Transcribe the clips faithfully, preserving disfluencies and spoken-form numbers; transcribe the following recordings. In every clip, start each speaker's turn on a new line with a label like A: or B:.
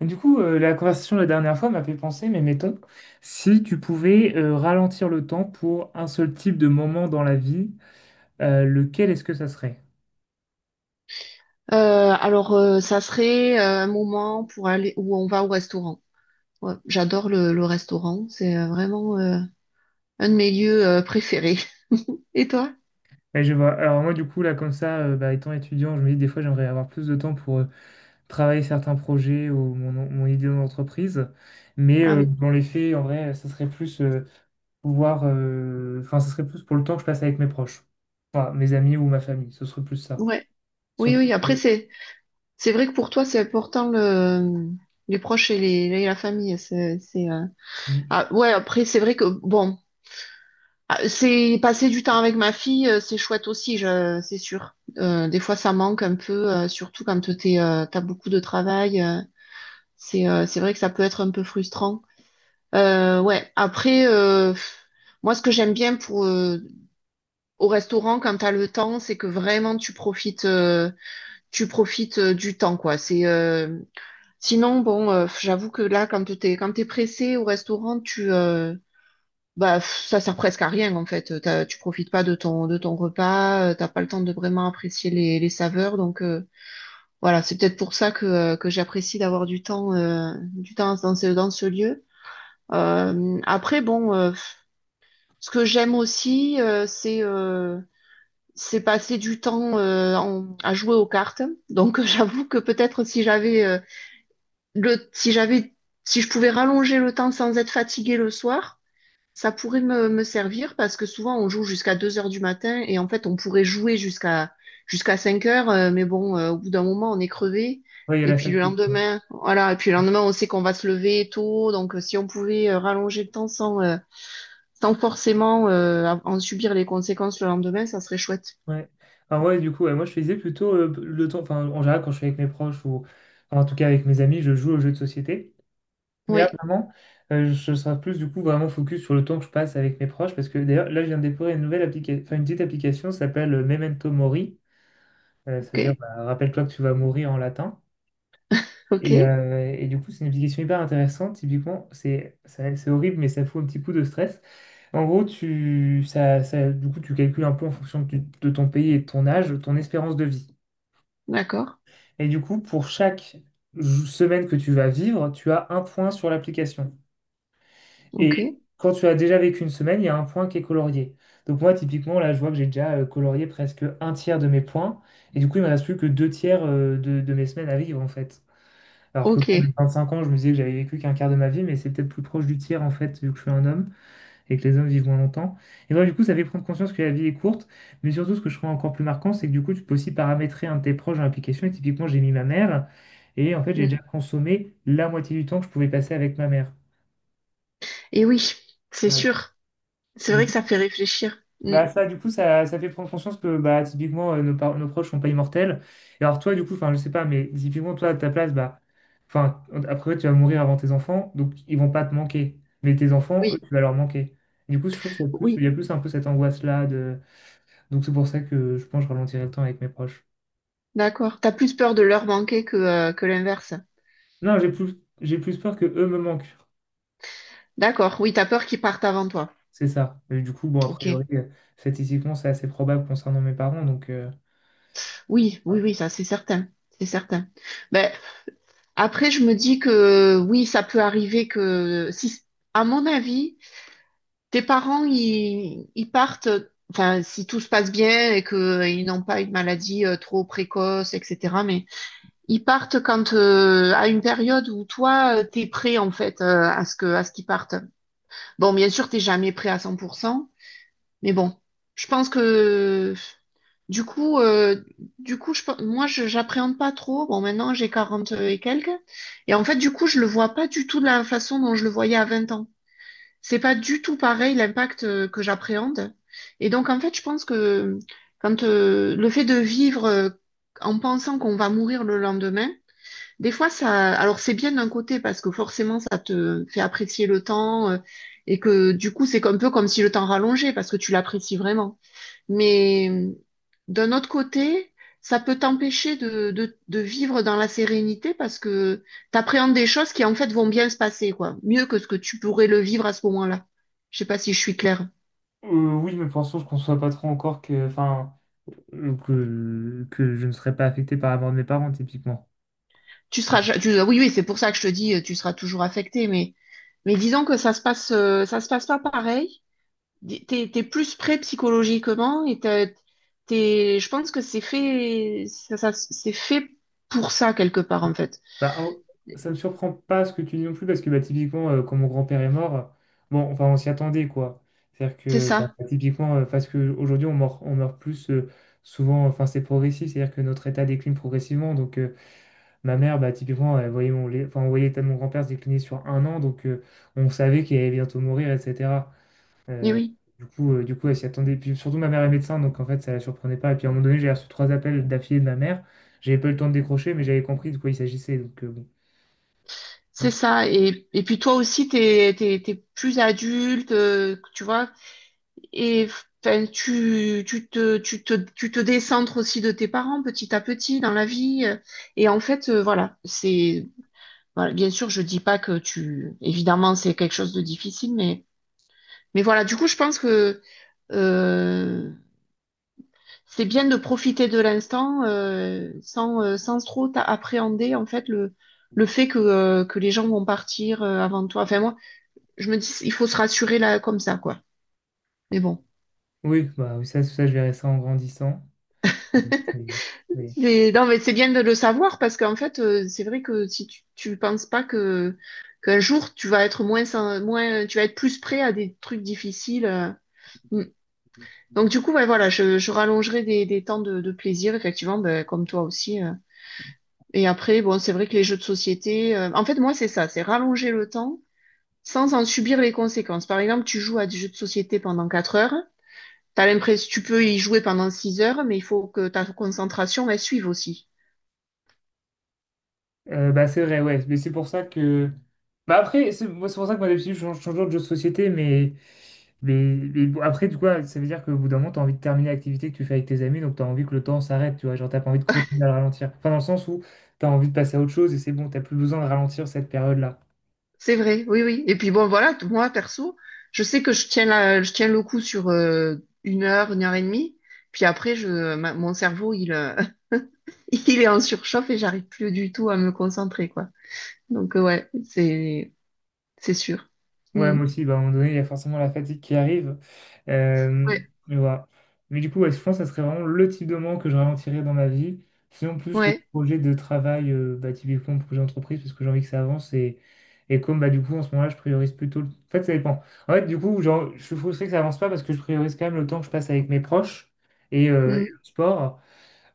A: Du coup, euh, la conversation de la dernière fois m'a fait penser, mais mettons, si tu pouvais euh, ralentir le temps pour un seul type de moment dans la vie, euh, lequel est-ce que ça serait?
B: Euh, alors, euh, ça serait euh, un moment pour aller où on va au restaurant. Ouais, j'adore le, le restaurant, c'est euh, vraiment euh, un de mes lieux euh, préférés. Et toi?
A: Et je vois. Alors moi, du coup, là, comme ça, euh, bah, étant étudiant, je me dis des fois, j'aimerais avoir plus de temps pour euh, travailler certains projets ou mon, mon idée d'entreprise. Mais
B: Ah
A: euh,
B: oui,
A: dans les faits, en vrai, ça serait plus euh, pouvoir... euh, Enfin, ça serait plus pour le temps que je passe avec mes proches. Enfin, mes amis ou ma famille, ce serait plus ça.
B: ouais, oui,
A: Surtout
B: oui.
A: que... euh,
B: Après, c'est c'est vrai que pour toi, c'est important le les proches et les et la famille. C'est c'est euh, ah ouais. Après, c'est vrai que bon, ah, c'est passer du temps avec ma fille, euh, c'est chouette aussi, je, c'est sûr. Euh, des fois, ça manque un peu, euh, surtout quand t'es euh, t'as beaucoup de travail. Euh, c'est euh, c'est vrai que ça peut être un peu frustrant. Euh, ouais, après, euh, moi, ce que j'aime bien pour euh, au restaurant quand t'as le temps, c'est que vraiment tu profites, euh, tu profites euh, du temps, quoi. C'est euh, Sinon, bon, euh, j'avoue que là, quand t'es quand t'es pressé au restaurant, tu euh, bah pff, ça sert presque à rien en fait. T'as- tu profites pas de ton de ton repas, euh, t'as pas le temps de vraiment apprécier les, les saveurs, donc euh, voilà, c'est peut-être pour ça que euh, que j'apprécie d'avoir du temps euh, du temps dans ce dans ce lieu. Euh, après, bon. Euh, Ce que j'aime aussi, euh, c'est euh, c'est passer du temps euh, en- à jouer aux cartes. Donc euh, j'avoue que peut-être si j'avais euh, le si j'avais si je pouvais rallonger le temps sans être fatiguée le soir, ça pourrait me, me servir parce que souvent on joue jusqu'à deux heures du matin et en fait on pourrait jouer jusqu'à jusqu'à cinq heures, euh, mais bon, euh, au bout d'un moment on est crevé.
A: ouais, il y a
B: Et
A: la
B: puis le
A: fatigue.
B: lendemain, voilà, et puis le lendemain on sait qu'on va se lever tôt, donc euh, si on pouvait euh, rallonger le temps sans, euh, sans forcément euh, en subir les conséquences le lendemain, ça serait chouette.
A: Ouais. Alors ouais, du coup, ouais, moi je faisais plutôt euh, le temps, enfin en général quand je suis avec mes proches ou enfin, en tout cas avec mes amis, je joue aux jeux de société. Mais là
B: Oui,
A: vraiment, euh, je serai plus du coup vraiment focus sur le temps que je passe avec mes proches parce que d'ailleurs là je viens de découvrir une nouvelle application, enfin une petite application ça s'appelle euh, Memento Mori, euh,
B: ok,
A: c'est-à-dire bah, rappelle-toi que tu vas mourir en latin.
B: ok,
A: Et, euh, et du coup c'est une application hyper intéressante, typiquement c'est ça- c'est horrible mais ça fout un petit coup de stress. En gros, tu, ça, ça- du coup, tu calcules un peu en fonction de, tu- de ton pays et de ton âge, ton espérance de vie.
B: d'accord,
A: Et du coup, pour chaque jou- semaine que tu vas vivre, tu as un point sur l'application.
B: ok,
A: Et quand tu as déjà vécu une semaine, il y a un point qui est colorié. Donc moi, typiquement, là, je vois que j'ai déjà euh, colorié presque un tiers de mes points. Et du coup, il ne me reste plus que deux tiers euh, de, de mes semaines à vivre, en fait. Alors que
B: ok.
A: quand j'ai vingt-cinq ans, je me disais que j'avais vécu qu'un quart de ma vie, mais c'est peut-être plus proche du tiers, en fait, vu que je suis un homme et que les hommes vivent moins longtemps. Et donc, du coup, ça fait prendre conscience que la vie est courte, mais surtout, ce que je trouve encore plus marquant, c'est que du coup, tu peux aussi paramétrer un de tes proches dans l'application. Et typiquement, j'ai mis ma mère, et en fait, j'ai
B: Mm.
A: déjà consommé la moitié du temps que je pouvais passer avec ma mère.
B: Et oui, c'est
A: Ouais.
B: sûr. C'est vrai
A: Du
B: que
A: coup-
B: ça fait réfléchir. Mm.
A: Bah ça, du coup, ça, ça fait prendre conscience que bah, typiquement, euh, nos, par- nos proches sont pas immortels. Et alors toi, du coup, enfin, je sais pas, mais typiquement, toi, à ta place, bah, enfin, après, tu vas mourir avant tes enfants, donc ils vont pas te manquer. Mais tes enfants, eux,
B: Oui,
A: tu vas leur manquer. Du coup, je trouve qu'il y a plus, il
B: oui,
A: y a plus un peu cette angoisse-là. Donc c'est pour ça que je pense que je ralentirai le temps avec mes proches.
B: d'accord. T'as plus peur de leur manquer que, euh, que l'inverse.
A: Non, j'ai plus, j'ai plus peur que eux me manquent.
B: D'accord, oui, t'as peur qu'ils partent avant toi.
A: C'est ça. Et du coup, bon, a
B: Ok.
A: priori, euh, statistiquement, c'est assez probable concernant mes parents. Donc euh,
B: Oui, oui, oui, ça c'est certain. C'est certain. Ben, après, je me dis que oui, ça peut arriver que si, à mon avis, tes parents, ils, ils partent, enfin, si tout se passe bien et qu'ils n'ont pas une maladie euh, trop précoce, et cætera. Mais ils partent quand euh, à une période où toi, euh, t'es prêt en fait euh, à ce que à ce qu'ils partent. Bon, bien sûr, t'es jamais prêt à cent pour cent, mais bon, je pense que du coup, euh, du coup, je, pe- moi, je j'appréhende pas trop. Bon, maintenant, j'ai quarante et quelques, et en fait, du coup, je le vois pas du tout de la façon dont je le voyais à vingt ans. C'est pas du tout pareil l'impact euh, que j'appréhende. Et donc, en fait, je pense que quand euh, le fait de vivre euh, en pensant qu'on va mourir le lendemain, des fois, ça, alors c'est bien d'un côté parce que forcément, ça te fait apprécier le temps euh, et que du coup, c'est un peu comme si le temps rallongeait parce que tu l'apprécies vraiment. Mais euh, D'un autre côté, ça peut t'empêcher de, de, de vivre dans la sérénité parce que t'appréhendes des choses qui en fait vont bien se passer, quoi. Mieux que ce que tu pourrais le vivre à ce moment-là. Je sais pas si je suis claire.
A: euh, oui, mes pensons, je ne conçois pas trop encore que, enfin, euh, que, que je ne serais pas affecté par la mort de mes parents, typiquement.
B: Tu seras,
A: Enfin,
B: ja- tu- Ah oui, oui, c'est pour ça que je te dis, euh, tu seras toujours affecté, mais, mais disons que ça se passe, euh, ça se passe pas pareil. D- T'es, t'es plus prêt psychologiquement et t'as- t'es, je pense que c'est fait, ça, ça- c'est fait pour ça quelque part, en fait.
A: Bah, en- ça me surprend pas ce que tu dis non plus, parce que bah, typiquement, euh, quand mon grand-père est mort, bon, enfin, on s'y attendait, quoi. C'est-à-dire
B: C'est
A: que, bah,
B: ça.
A: typiquement, euh, parce qu'aujourd'hui, on meurt, on meurt plus euh, souvent, enfin, c'est progressif, c'est-à-dire que notre état décline progressivement. Donc, euh, ma mère, bah, typiquement, elle voyait mon, lait- enfin, on voyait l'état de mon grand-père se décliner sur un an, donc euh, on savait qu'il allait bientôt mourir, et cætera.
B: Eh
A: Euh,
B: oui.
A: du coup, euh, du coup, elle s'y attendait. Puis surtout, ma mère est médecin, donc en fait, ça la surprenait pas. Et puis, à un moment donné, j'ai reçu trois appels d'affilée de ma mère. J'avais pas eu le temps de décrocher, mais j'avais compris de quoi il s'agissait. Donc, euh, bon.
B: C'est ça. Et, et puis toi aussi, t'es, t'es, t'es plus adulte, euh, tu vois. Et enfin, tu, tu te, tu te, tu te décentres aussi de tes parents petit à petit dans la vie. euh, Et en fait, euh, voilà, c'est, voilà, bien sûr, je dis pas que tu, évidemment, c'est quelque chose de difficile, mais, mais voilà. Du coup, je pense que euh, c'est bien de profiter de l'instant euh, sans, euh, sans trop t'a- appréhender en fait le, le fait que, euh, que les gens vont partir euh, avant toi. Enfin, moi, je me dis, il faut se rassurer là comme ça, quoi. Mais bon.
A: Oui, bah, oui, ça, ça, je verrai ça en grandissant. Oui. Oui.
B: Mais non, mais c'est bien de le savoir parce qu'en fait, euh, c'est vrai que si tu, tu penses pas que qu'un jour tu vas être moins, sen- moins, tu vas être plus prêt à des trucs difficiles. euh. Mm. Donc du coup, ouais, voilà, je, je rallongerai des, des temps de, de plaisir, effectivement, ben, comme toi aussi. euh. Et après, bon, c'est vrai que les jeux de société, euh, en fait, moi, c'est ça, c'est rallonger le temps sans en subir les conséquences. Par exemple, tu joues à des jeux de société pendant quatre heures. T'as l'impression, tu peux y jouer pendant six heures, mais il faut que ta concentration, elle suive aussi.
A: Euh, bah, c'est vrai, ouais. Mais c'est pour ça que. Bah, après, c'est moi, c'est pour ça que moi, d'habitude, je change, change toujours de jeu de société. Mais, mais, mais bon, après, du coup, ça veut dire qu'au bout d'un moment, tu as envie de terminer l'activité que tu fais avec tes amis. Donc, tu as envie que le temps s'arrête. Tu vois, genre, t'as pas envie de continuer à le ralentir. Enfin, dans le sens où tu as envie de passer à autre chose et c'est bon, t'as plus besoin de ralentir cette période-là.
B: C'est vrai, oui, oui. Et puis bon, voilà, t- moi, perso, je sais que je tiens la, je tiens le coup sur euh, une heure, une heure et demie. Puis après, je, ma- mon cerveau, il, euh, il est en surchauffe et j'arrive plus du tout à me concentrer, quoi. Donc, euh, ouais, c'est... C'est sûr.
A: Ouais,
B: Mm.
A: moi aussi, bah, à un moment donné, il y a forcément la fatigue qui arrive. Euh,
B: Ouais,
A: mais voilà. Mais du coup, ouais, je pense que ça serait vraiment le type de moment que je ralentirais dans ma vie. Sinon, plus les
B: ouais,
A: projets de travail, euh, bah, typiquement projet d'entreprise, parce que j'ai envie que ça avance. Et, et comme bah, du coup, en ce moment-là, je priorise plutôt. le- En fait, ça dépend. En fait, du coup, genre, je suis frustré que ça avance pas parce que je priorise quand même le temps que je passe avec mes proches et, euh, et le
B: mm,
A: sport.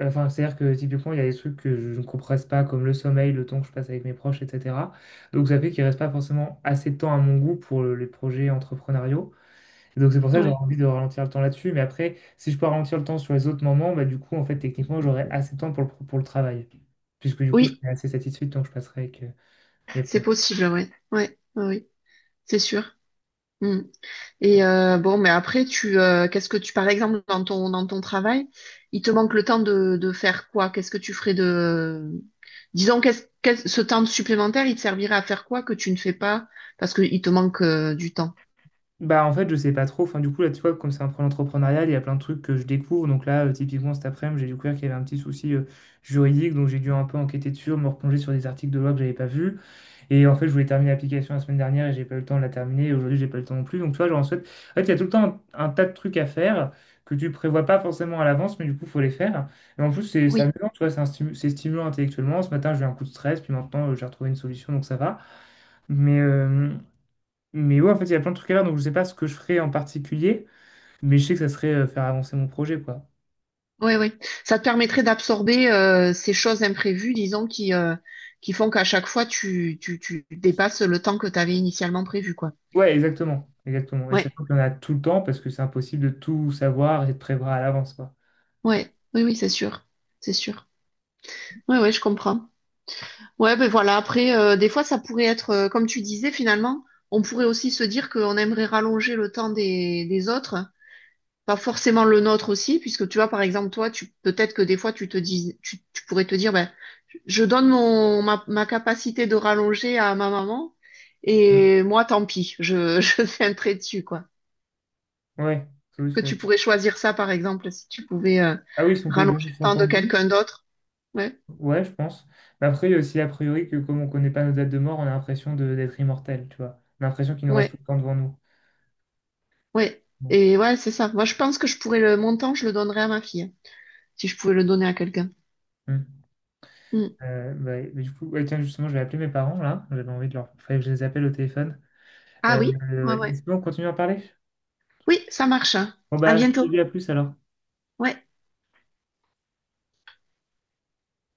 A: Enfin, c'est-à-dire que typiquement, il y a des trucs que je ne compresse pas, comme le sommeil, le temps que je passe avec mes proches, et cætera. Donc, ça fait qu'il reste pas forcément assez de temps à mon goût pour le- les projets entrepreneuriaux. Et donc, c'est pour ça que j'aurais
B: ouais.
A: envie de ralentir le temps là-dessus. Mais après, si je peux ralentir le temps sur les autres moments, bah, du coup, en fait, techniquement, j'aurai assez de temps pour le, pour le travail. Puisque du coup, je
B: Oui,
A: serai assez satisfait du temps que je passerai avec euh, mes
B: c'est
A: proches.
B: possible, ouais. Ouais, ouais, oui, c'est sûr. Mm. Et euh, bon, mais après, tu euh, qu'est-ce que tu, par exemple, dans ton dans ton travail, il te manque le temps de, de faire quoi? Qu'est-ce que tu ferais de disons qu'est-ce qu'est-ce- ce temps supplémentaire, il te servirait à faire quoi que tu ne fais pas parce qu'il te manque euh, du temps.
A: Bah, en fait, je sais pas trop. Enfin, du coup, là, tu vois, comme c'est un projet entrepreneurial, il y a plein de trucs que je découvre. Donc là, euh, typiquement, cet après-midi, j'ai découvert qu'il y avait un petit souci euh, juridique. Donc j'ai dû un peu enquêter dessus, me replonger sur des articles de loi que j'avais pas vus. Et en fait, je voulais terminer l'application la semaine dernière et j'ai pas eu le temps de la terminer. Et aujourd'hui, j'ai pas eu le temps non plus. Donc tu vois, genre, en fait, en fait, il y a tout le temps un, un tas de trucs à faire que tu prévois pas forcément à l'avance, mais du coup, faut les faire. Et en plus, c'est c'est amusant, tu vois, c'est un stimu- c'est stimulant intellectuellement. Ce matin, j'ai eu un coup de stress, puis maintenant, euh, j'ai retrouvé une solution, donc ça va. Mais, euh, mais ouais, en fait, il y a plein de trucs à faire, donc je sais pas ce que je ferais en particulier, mais je sais que ça serait euh, faire avancer mon projet, quoi.
B: Oui, oui. Ça te permettrait d'absorber euh, ces choses imprévues, disons, qui, euh, qui font qu'à chaque fois, tu, tu, tu dépasses le temps que tu avais initialement prévu, quoi.
A: Ouais, exactement, exactement. Et
B: Ouais,
A: sachant qu'il y en a tout le temps, parce que c'est impossible de tout savoir et de prévoir à l'avance, quoi.
B: ouais, oui, oui, c'est sûr. C'est sûr. Oui, oui, je comprends. Ouais, ben voilà, après, euh, des fois, ça pourrait être, euh, comme tu disais, finalement, on pourrait aussi se dire qu'on aimerait rallonger le temps des, des autres. Pas forcément le nôtre aussi, puisque tu vois, par exemple, toi, tu peut-être que des fois, tu te dis, tu, tu pourrais te dire, ben, je donne mon ma, ma capacité de rallonger à ma maman,
A: Mm.
B: et moi, tant pis, je, je fais un trait dessus, quoi.
A: Ouais. ça aussi,
B: Que
A: c'est-
B: tu pourrais choisir ça, par exemple, si tu pouvais euh,
A: Ah oui, si on pouvait
B: rallonger
A: donner
B: le
A: son
B: temps
A: temps
B: de
A: de vie,
B: quelqu'un d'autre. Ouais,
A: ouais, je pense. Mais après, il y a aussi a priori que comme on connaît pas nos dates de mort, on a l'impression de- d'être immortel, tu vois. On a l'impression qu'il nous reste
B: ouais,
A: tout le temps devant nous.
B: ouais.
A: Bon.
B: Et ouais, c'est ça. Moi, je pense que je pourrais le mon temps, je le donnerais à ma fille, hein, si je pouvais le donner à quelqu'un.
A: Mm.
B: Hmm.
A: Euh, bah, mais du coup, ouais, tiens, justement, je vais appeler mes parents, là. J'avais envie de leur... Fallait que je les appelle au téléphone.
B: Ah
A: Euh,
B: oui, ouais,
A: mais
B: ouais.
A: c'est bon, continue à en parler?
B: Oui, ça marche. Hein.
A: Bon,
B: À
A: bah, je te
B: bientôt.
A: dis à plus alors.
B: Ouais.